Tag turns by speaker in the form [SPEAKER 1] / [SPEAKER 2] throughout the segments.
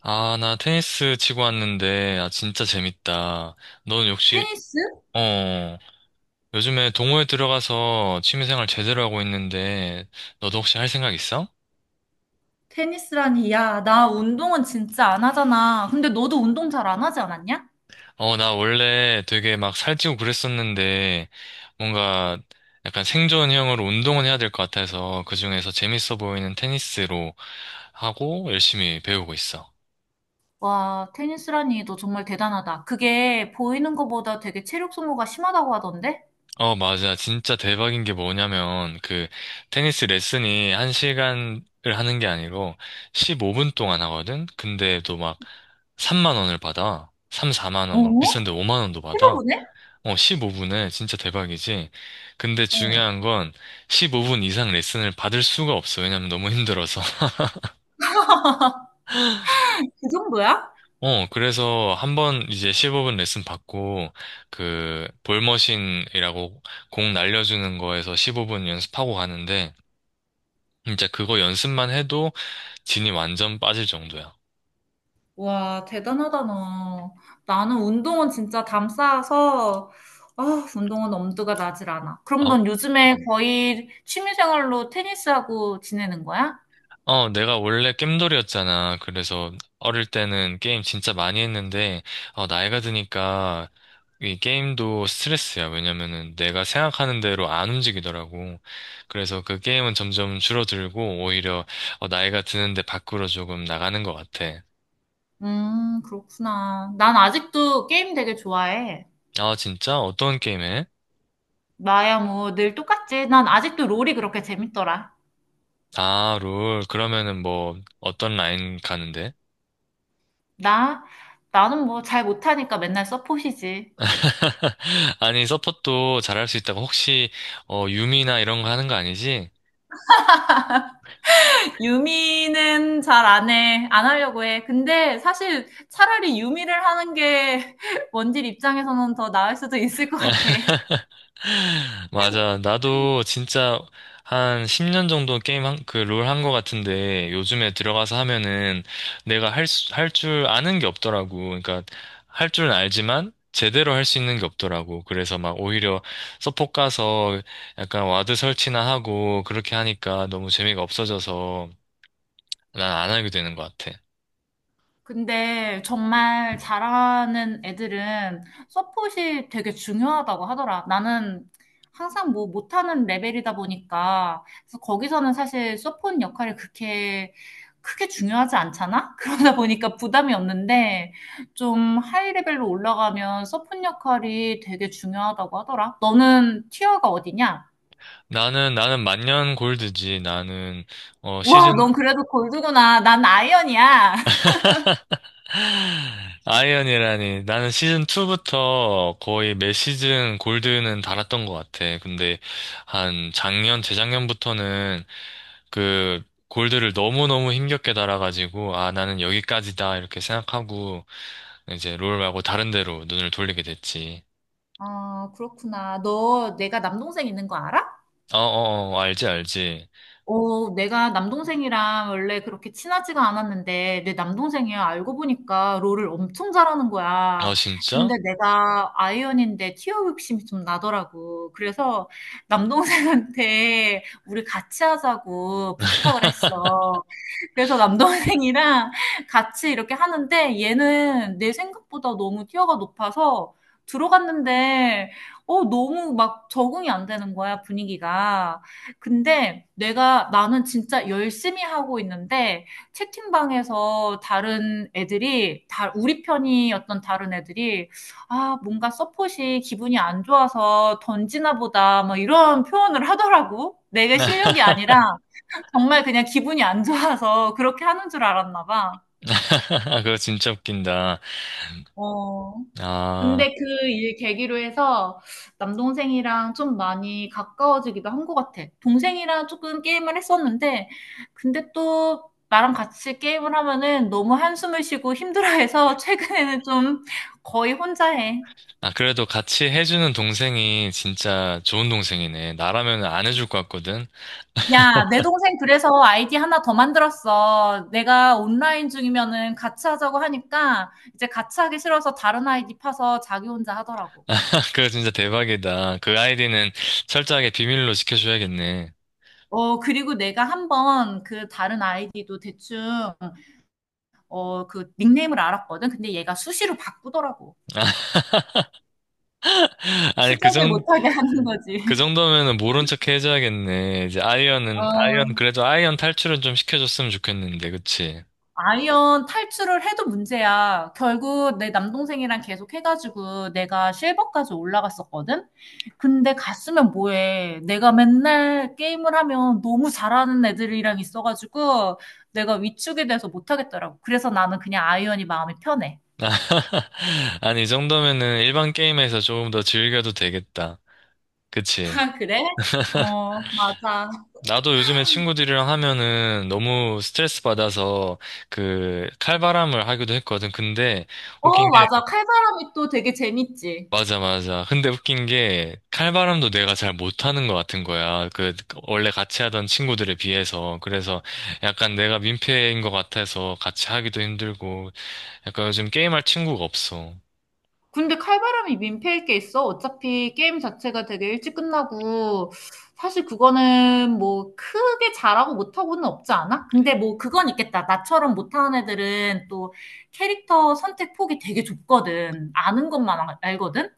[SPEAKER 1] 아, 나 테니스 치고 왔는데, 아, 진짜 재밌다. 넌 역시,
[SPEAKER 2] 테니스?
[SPEAKER 1] 어, 요즘에 동호회 들어가서 취미생활 제대로 하고 있는데, 너도 혹시 할 생각 있어?
[SPEAKER 2] 테니스라니, 야, 나 운동은 진짜 안 하잖아. 근데 너도 운동 잘 안 하지 않았냐?
[SPEAKER 1] 어, 나 원래 되게 막 살찌고 그랬었는데, 뭔가 약간 생존형으로 운동은 해야 될 것 같아서, 그중에서 재밌어 보이는 테니스로 하고 열심히 배우고 있어.
[SPEAKER 2] 와, 테니스라니, 너 정말 대단하다. 그게 보이는 것보다 되게 체력 소모가 심하다고 하던데?
[SPEAKER 1] 어, 맞아. 진짜 대박인 게 뭐냐면, 테니스 레슨이 1시간을 하는 게 아니고, 15분 동안 하거든? 근데 또 막, 3만 원을 받아. 3, 4만 원, 뭐,
[SPEAKER 2] 어?
[SPEAKER 1] 비싼데 5만 원도 받아.
[SPEAKER 2] 해서보네?
[SPEAKER 1] 어, 15분에 진짜 대박이지. 근데
[SPEAKER 2] 어.
[SPEAKER 1] 중요한 건, 15분 이상 레슨을 받을 수가 없어. 왜냐면 너무 힘들어서.
[SPEAKER 2] 그 정도야?
[SPEAKER 1] 어, 그래서 한번 이제 15분 레슨 받고, 볼머신이라고 공 날려주는 거에서 15분 연습하고 가는데, 진짜 그거 연습만 해도 진이 완전 빠질 정도야.
[SPEAKER 2] 와, 대단하다, 너. 나는 운동은 진짜 담 쌓아서, 아, 운동은 엄두가 나질 않아. 그럼
[SPEAKER 1] 어,
[SPEAKER 2] 넌 요즘에 거의 취미생활로 테니스하고 지내는 거야?
[SPEAKER 1] 어, 내가 원래 겜돌이었잖아. 그래서 어릴 때는 게임 진짜 많이 했는데, 나이가 드니까 이 게임도 스트레스야. 왜냐면은 내가 생각하는 대로 안 움직이더라고. 그래서 그 게임은 점점 줄어들고, 오히려 나이가 드는데 밖으로 조금 나가는 것 같아.
[SPEAKER 2] 그렇구나. 난 아직도 게임 되게 좋아해.
[SPEAKER 1] 아, 진짜? 어떤 게임 해?
[SPEAKER 2] 나야 뭐 늘 똑같지. 난 아직도 롤이 그렇게 재밌더라.
[SPEAKER 1] 아, 롤. 그러면은 뭐, 어떤 라인 가는데?
[SPEAKER 2] 나, 나는 뭐 잘 못하니까 맨날 서폿이지.
[SPEAKER 1] 아니, 서폿도 잘할 수 있다고 혹시 유미나 이런 거 하는 거 아니지?
[SPEAKER 2] 유미는 잘 안 해. 안 하려고 해. 근데 사실 차라리 유미를 하는 게 원딜 입장에서는 더 나을 수도 있을 것 같아.
[SPEAKER 1] 맞아. 나도 진짜 한 10년 정도 게임 한, 롤 한 거 같은데 요즘에 들어가서 하면은 내가 할 줄 아는 게 없더라고. 그러니까 할 줄은 알지만 제대로 할 수 있는 게 없더라고. 그래서 막 오히려 서폿 가서 약간 와드 설치나 하고 그렇게 하니까 너무 재미가 없어져서 난 안 하게 되는 것 같아.
[SPEAKER 2] 근데 정말 잘하는 애들은 서폿이 되게 중요하다고 하더라. 나는 항상 뭐 못하는 레벨이다 보니까 그래서 거기서는 사실 서폿 역할이 그렇게 크게 중요하지 않잖아? 그러다 보니까 부담이 없는데 좀 하이 레벨로 올라가면 서폿 역할이 되게 중요하다고 하더라. 너는 티어가 어디냐?
[SPEAKER 1] 나는 만년 골드지. 나는 시즌
[SPEAKER 2] 와, 넌 그래도 골드구나. 난 아이언이야.
[SPEAKER 1] 아이언이라니. 나는 시즌 2부터 거의 매 시즌 골드는 달았던 것 같아. 근데 한 작년 재작년부터는 그 골드를 너무너무 힘겹게 달아가지고 아 나는 여기까지다 이렇게 생각하고 이제 롤 말고 다른 데로 눈을 돌리게 됐지.
[SPEAKER 2] 아, 그렇구나. 너 내가 남동생 있는 거 알아?
[SPEAKER 1] 어어어 알지 알지.
[SPEAKER 2] 어, 내가 남동생이랑 원래 그렇게 친하지가 않았는데, 내 남동생이야. 알고 보니까 롤을 엄청 잘하는
[SPEAKER 1] 어
[SPEAKER 2] 거야. 근데
[SPEAKER 1] 진짜?
[SPEAKER 2] 내가 아이언인데 티어 욕심이 좀 나더라고. 그래서 남동생한테 우리 같이 하자고 부탁을 했어. 그래서 남동생이랑 같이 이렇게 하는데, 얘는 내 생각보다 너무 티어가 높아서 들어갔는데, 너무 막 적응이 안 되는 거야, 분위기가. 근데 내가 나는 진짜 열심히 하고 있는데 채팅방에서 다른 애들이 다 우리 편이었던 다른 애들이 아 뭔가 서폿이 기분이 안 좋아서 던지나 보다 뭐 이런 표현을 하더라고. 내게 실력이 아니라 정말 그냥 기분이 안 좋아서 그렇게 하는 줄 알았나 봐.
[SPEAKER 1] 그거 진짜 웃긴다.
[SPEAKER 2] 어.
[SPEAKER 1] 아.
[SPEAKER 2] 근데 그 일 계기로 해서 남동생이랑 좀 많이 가까워지기도 한 것 같아. 동생이랑 조금 게임을 했었는데, 근데 또 나랑 같이 게임을 하면은 너무 한숨을 쉬고 힘들어해서 최근에는 좀 거의 혼자 해.
[SPEAKER 1] 아, 그래도 같이 해주는 동생이 진짜 좋은 동생이네. 나라면 안 해줄 것 같거든.
[SPEAKER 2] 야, 내 동생 그래서 아이디 하나 더 만들었어. 내가 온라인 중이면은 같이 하자고 하니까 이제 같이 하기 싫어서 다른 아이디 파서 자기 혼자 하더라고.
[SPEAKER 1] 그거 진짜 대박이다. 그 아이디는 철저하게 비밀로 지켜줘야겠네.
[SPEAKER 2] 어, 그리고 내가 한번 그 다른 아이디도 대충, 어, 그 닉네임을 알았거든. 근데 얘가 수시로 바꾸더라고.
[SPEAKER 1] 아니,
[SPEAKER 2] 추적을 못하게 하는 거지.
[SPEAKER 1] 그 정도면은 모른 척 해줘야겠네. 이제
[SPEAKER 2] 어,
[SPEAKER 1] 아이언은, 아이언, 그래도 아이언 탈출은 좀 시켜줬으면 좋겠는데, 그치?
[SPEAKER 2] 아이언 탈출을 해도 문제야. 결국 내 남동생이랑 계속 해가지고 내가 실버까지 올라갔었거든? 근데 갔으면 뭐해. 내가 맨날 게임을 하면 너무 잘하는 애들이랑 있어가지고 내가 위축이 돼서 못하겠더라고. 그래서 나는 그냥 아이언이 마음이 편해.
[SPEAKER 1] 아니, 이 정도면은 일반 게임에서 조금 더 즐겨도 되겠다. 그치?
[SPEAKER 2] 아 그래? 어 맞아.
[SPEAKER 1] 나도 요즘에 친구들이랑 하면은 너무 스트레스 받아서 칼바람을 하기도 했거든. 근데 웃긴
[SPEAKER 2] 어
[SPEAKER 1] 게
[SPEAKER 2] 맞아. 칼바람이 또 되게 재밌지.
[SPEAKER 1] 맞아 맞아. 근데 웃긴 게 칼바람도 내가 잘 못하는 것 같은 거야. 그 원래 같이 하던 친구들에 비해서 그래서 약간 내가 민폐인 것 같아서 같이 하기도 힘들고 약간 요즘 게임할 친구가 없어.
[SPEAKER 2] 근데 칼바람이 민폐일 게 있어? 어차피 게임 자체가 되게 일찍 끝나고 사실 그거는 뭐 크게 잘하고 못하고는 없지 않아? 근데 뭐 그건 있겠다. 나처럼 못하는 애들은 또 캐릭터 선택 폭이 되게 좁거든. 아는 것만 알거든?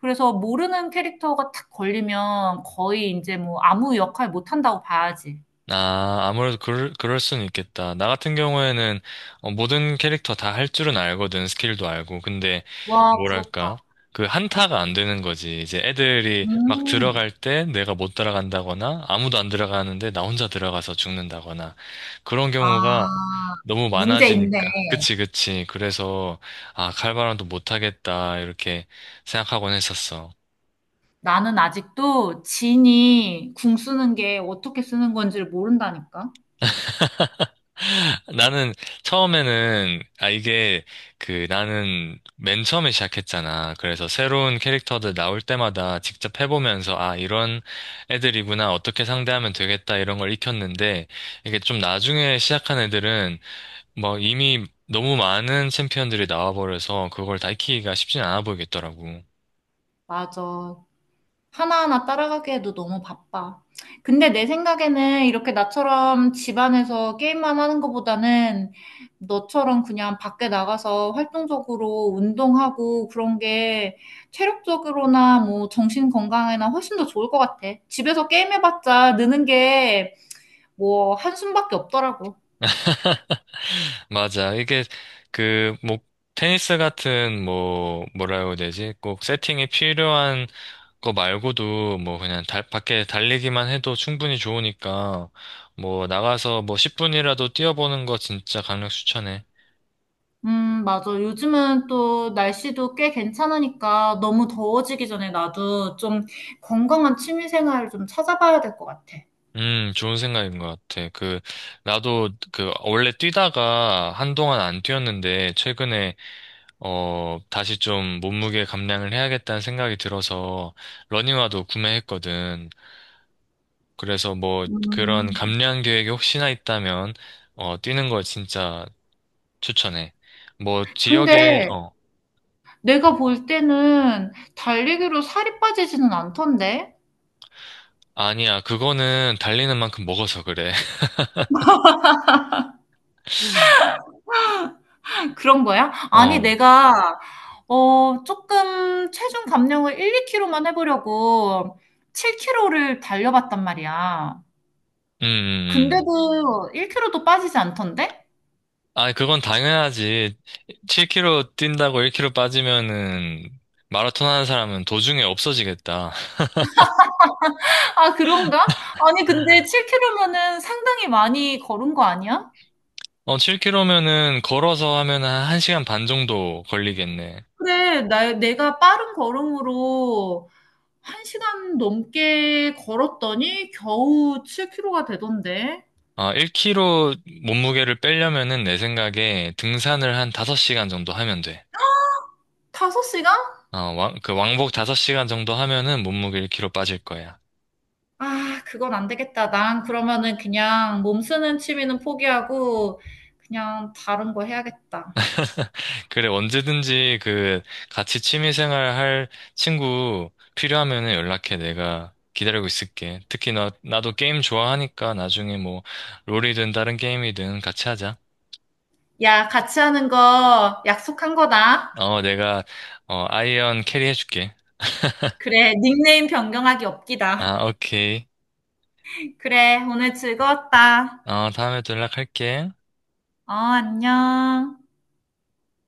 [SPEAKER 2] 그래서 모르는 캐릭터가 탁 걸리면 거의 이제 뭐 아무 역할 못한다고 봐야지.
[SPEAKER 1] 아, 아무래도 그럴 수는 있겠다. 나 같은 경우에는 어, 모든 캐릭터 다 할 줄은 알거든, 스킬도 알고. 근데,
[SPEAKER 2] 와,
[SPEAKER 1] 뭐랄까,
[SPEAKER 2] 부럽다.
[SPEAKER 1] 그 한타가 안 되는 거지. 이제 애들이 막
[SPEAKER 2] 음.
[SPEAKER 1] 들어갈 때 내가 못 따라간다거나, 아무도 안 들어가는데 나 혼자 들어가서 죽는다거나, 그런
[SPEAKER 2] 아,
[SPEAKER 1] 경우가 너무
[SPEAKER 2] 문제 있네.
[SPEAKER 1] 많아지니까. 그치, 그치. 그래서, 아, 칼바람도 못하겠다, 이렇게 생각하곤 했었어.
[SPEAKER 2] 나는 아직도 진이 궁 쓰는 게 어떻게 쓰는 건지를 모른다니까.
[SPEAKER 1] 나는 처음에는 아 이게 그 나는 맨 처음에 시작했잖아. 그래서 새로운 캐릭터들 나올 때마다 직접 해보면서 아 이런 애들이구나 어떻게 상대하면 되겠다 이런 걸 익혔는데 이게 좀 나중에 시작한 애들은 뭐 이미 너무 많은 챔피언들이 나와버려서 그걸 다 익히기가 쉽진 않아 보이겠더라고.
[SPEAKER 2] 맞아. 하나하나 따라가기에도 너무 바빠. 근데 내 생각에는 이렇게 나처럼 집안에서 게임만 하는 것보다는 너처럼 그냥 밖에 나가서 활동적으로 운동하고 그런 게 체력적으로나 뭐 정신 건강에나 훨씬 더 좋을 것 같아. 집에서 게임해봤자 느는 게 뭐 한숨밖에 없더라고.
[SPEAKER 1] 맞아. 이게 뭐 테니스 같은 뭐 뭐라고 해야 되지? 꼭 세팅이 필요한 그거 말고도 뭐 그냥 밖에 달리기만 해도 충분히 좋으니까 뭐 나가서 뭐 10분이라도 뛰어보는 거 진짜 강력 추천해.
[SPEAKER 2] 맞아. 요즘은 또 날씨도 꽤 괜찮으니까 너무 더워지기 전에 나도 좀 건강한 취미 생활을 좀 찾아봐야 될 것 같아.
[SPEAKER 1] 좋은 생각인 것 같아. 나도 원래 뛰다가 한동안 안 뛰었는데, 최근에, 다시 좀 몸무게 감량을 해야겠다는 생각이 들어서, 러닝화도 구매했거든. 그래서 뭐, 그런
[SPEAKER 2] 음.
[SPEAKER 1] 감량 계획이 혹시나 있다면, 어, 뛰는 걸 진짜 추천해. 뭐,
[SPEAKER 2] 근데
[SPEAKER 1] 지역에.
[SPEAKER 2] 내가 볼 때는 달리기로 살이 빠지지는 않던데?
[SPEAKER 1] 아니야, 그거는 달리는 만큼 먹어서 그래.
[SPEAKER 2] 그런 거야? 아니,
[SPEAKER 1] 어,
[SPEAKER 2] 내가, 어, 조금 체중 감량을 1, 2kg만 해보려고 7kg를 달려봤단 말이야.
[SPEAKER 1] 음, 음.
[SPEAKER 2] 근데도 1kg도 빠지지 않던데?
[SPEAKER 1] 아, 그건 당연하지. 7kg 뛴다고 1kg 빠지면은 마라톤 하는 사람은 도중에 없어지겠다.
[SPEAKER 2] 아, 그런가? 아니, 근데 7km면은 상당히 많이 걸은 거 아니야?
[SPEAKER 1] 어, 7kg면은 걸어서 하면 한 1시간 반 정도 걸리겠네.
[SPEAKER 2] 내가 빠른 걸음으로 1시간 넘게 걸었더니 겨우 7km가 되던데.
[SPEAKER 1] 아, 1kg 몸무게를 빼려면은 내 생각에 등산을 한 5시간 정도 하면 돼.
[SPEAKER 2] 5시간?
[SPEAKER 1] 어, 왕, 그 왕복 5시간 정도 하면은 몸무게 1kg 빠질 거야.
[SPEAKER 2] 아, 그건 안 되겠다. 난 그러면은 그냥 몸 쓰는 취미는 포기하고 그냥 다른 거 해야겠다.
[SPEAKER 1] 그래, 언제든지 같이 취미생활 할 친구 필요하면은 연락해. 내가 기다리고 있을게. 특히 나도 게임 좋아하니까 나중에 뭐 롤이든 다른 게임이든 같이 하자.
[SPEAKER 2] 야, 같이 하는 거 약속한 거다.
[SPEAKER 1] 어, 내가 아이언 캐리 해줄게.
[SPEAKER 2] 그래, 닉네임 변경하기 없기다.
[SPEAKER 1] 아, 오케이.
[SPEAKER 2] 그래, 오늘 즐거웠다.
[SPEAKER 1] 어, 다음에 또 연락할게.
[SPEAKER 2] 어, 안녕.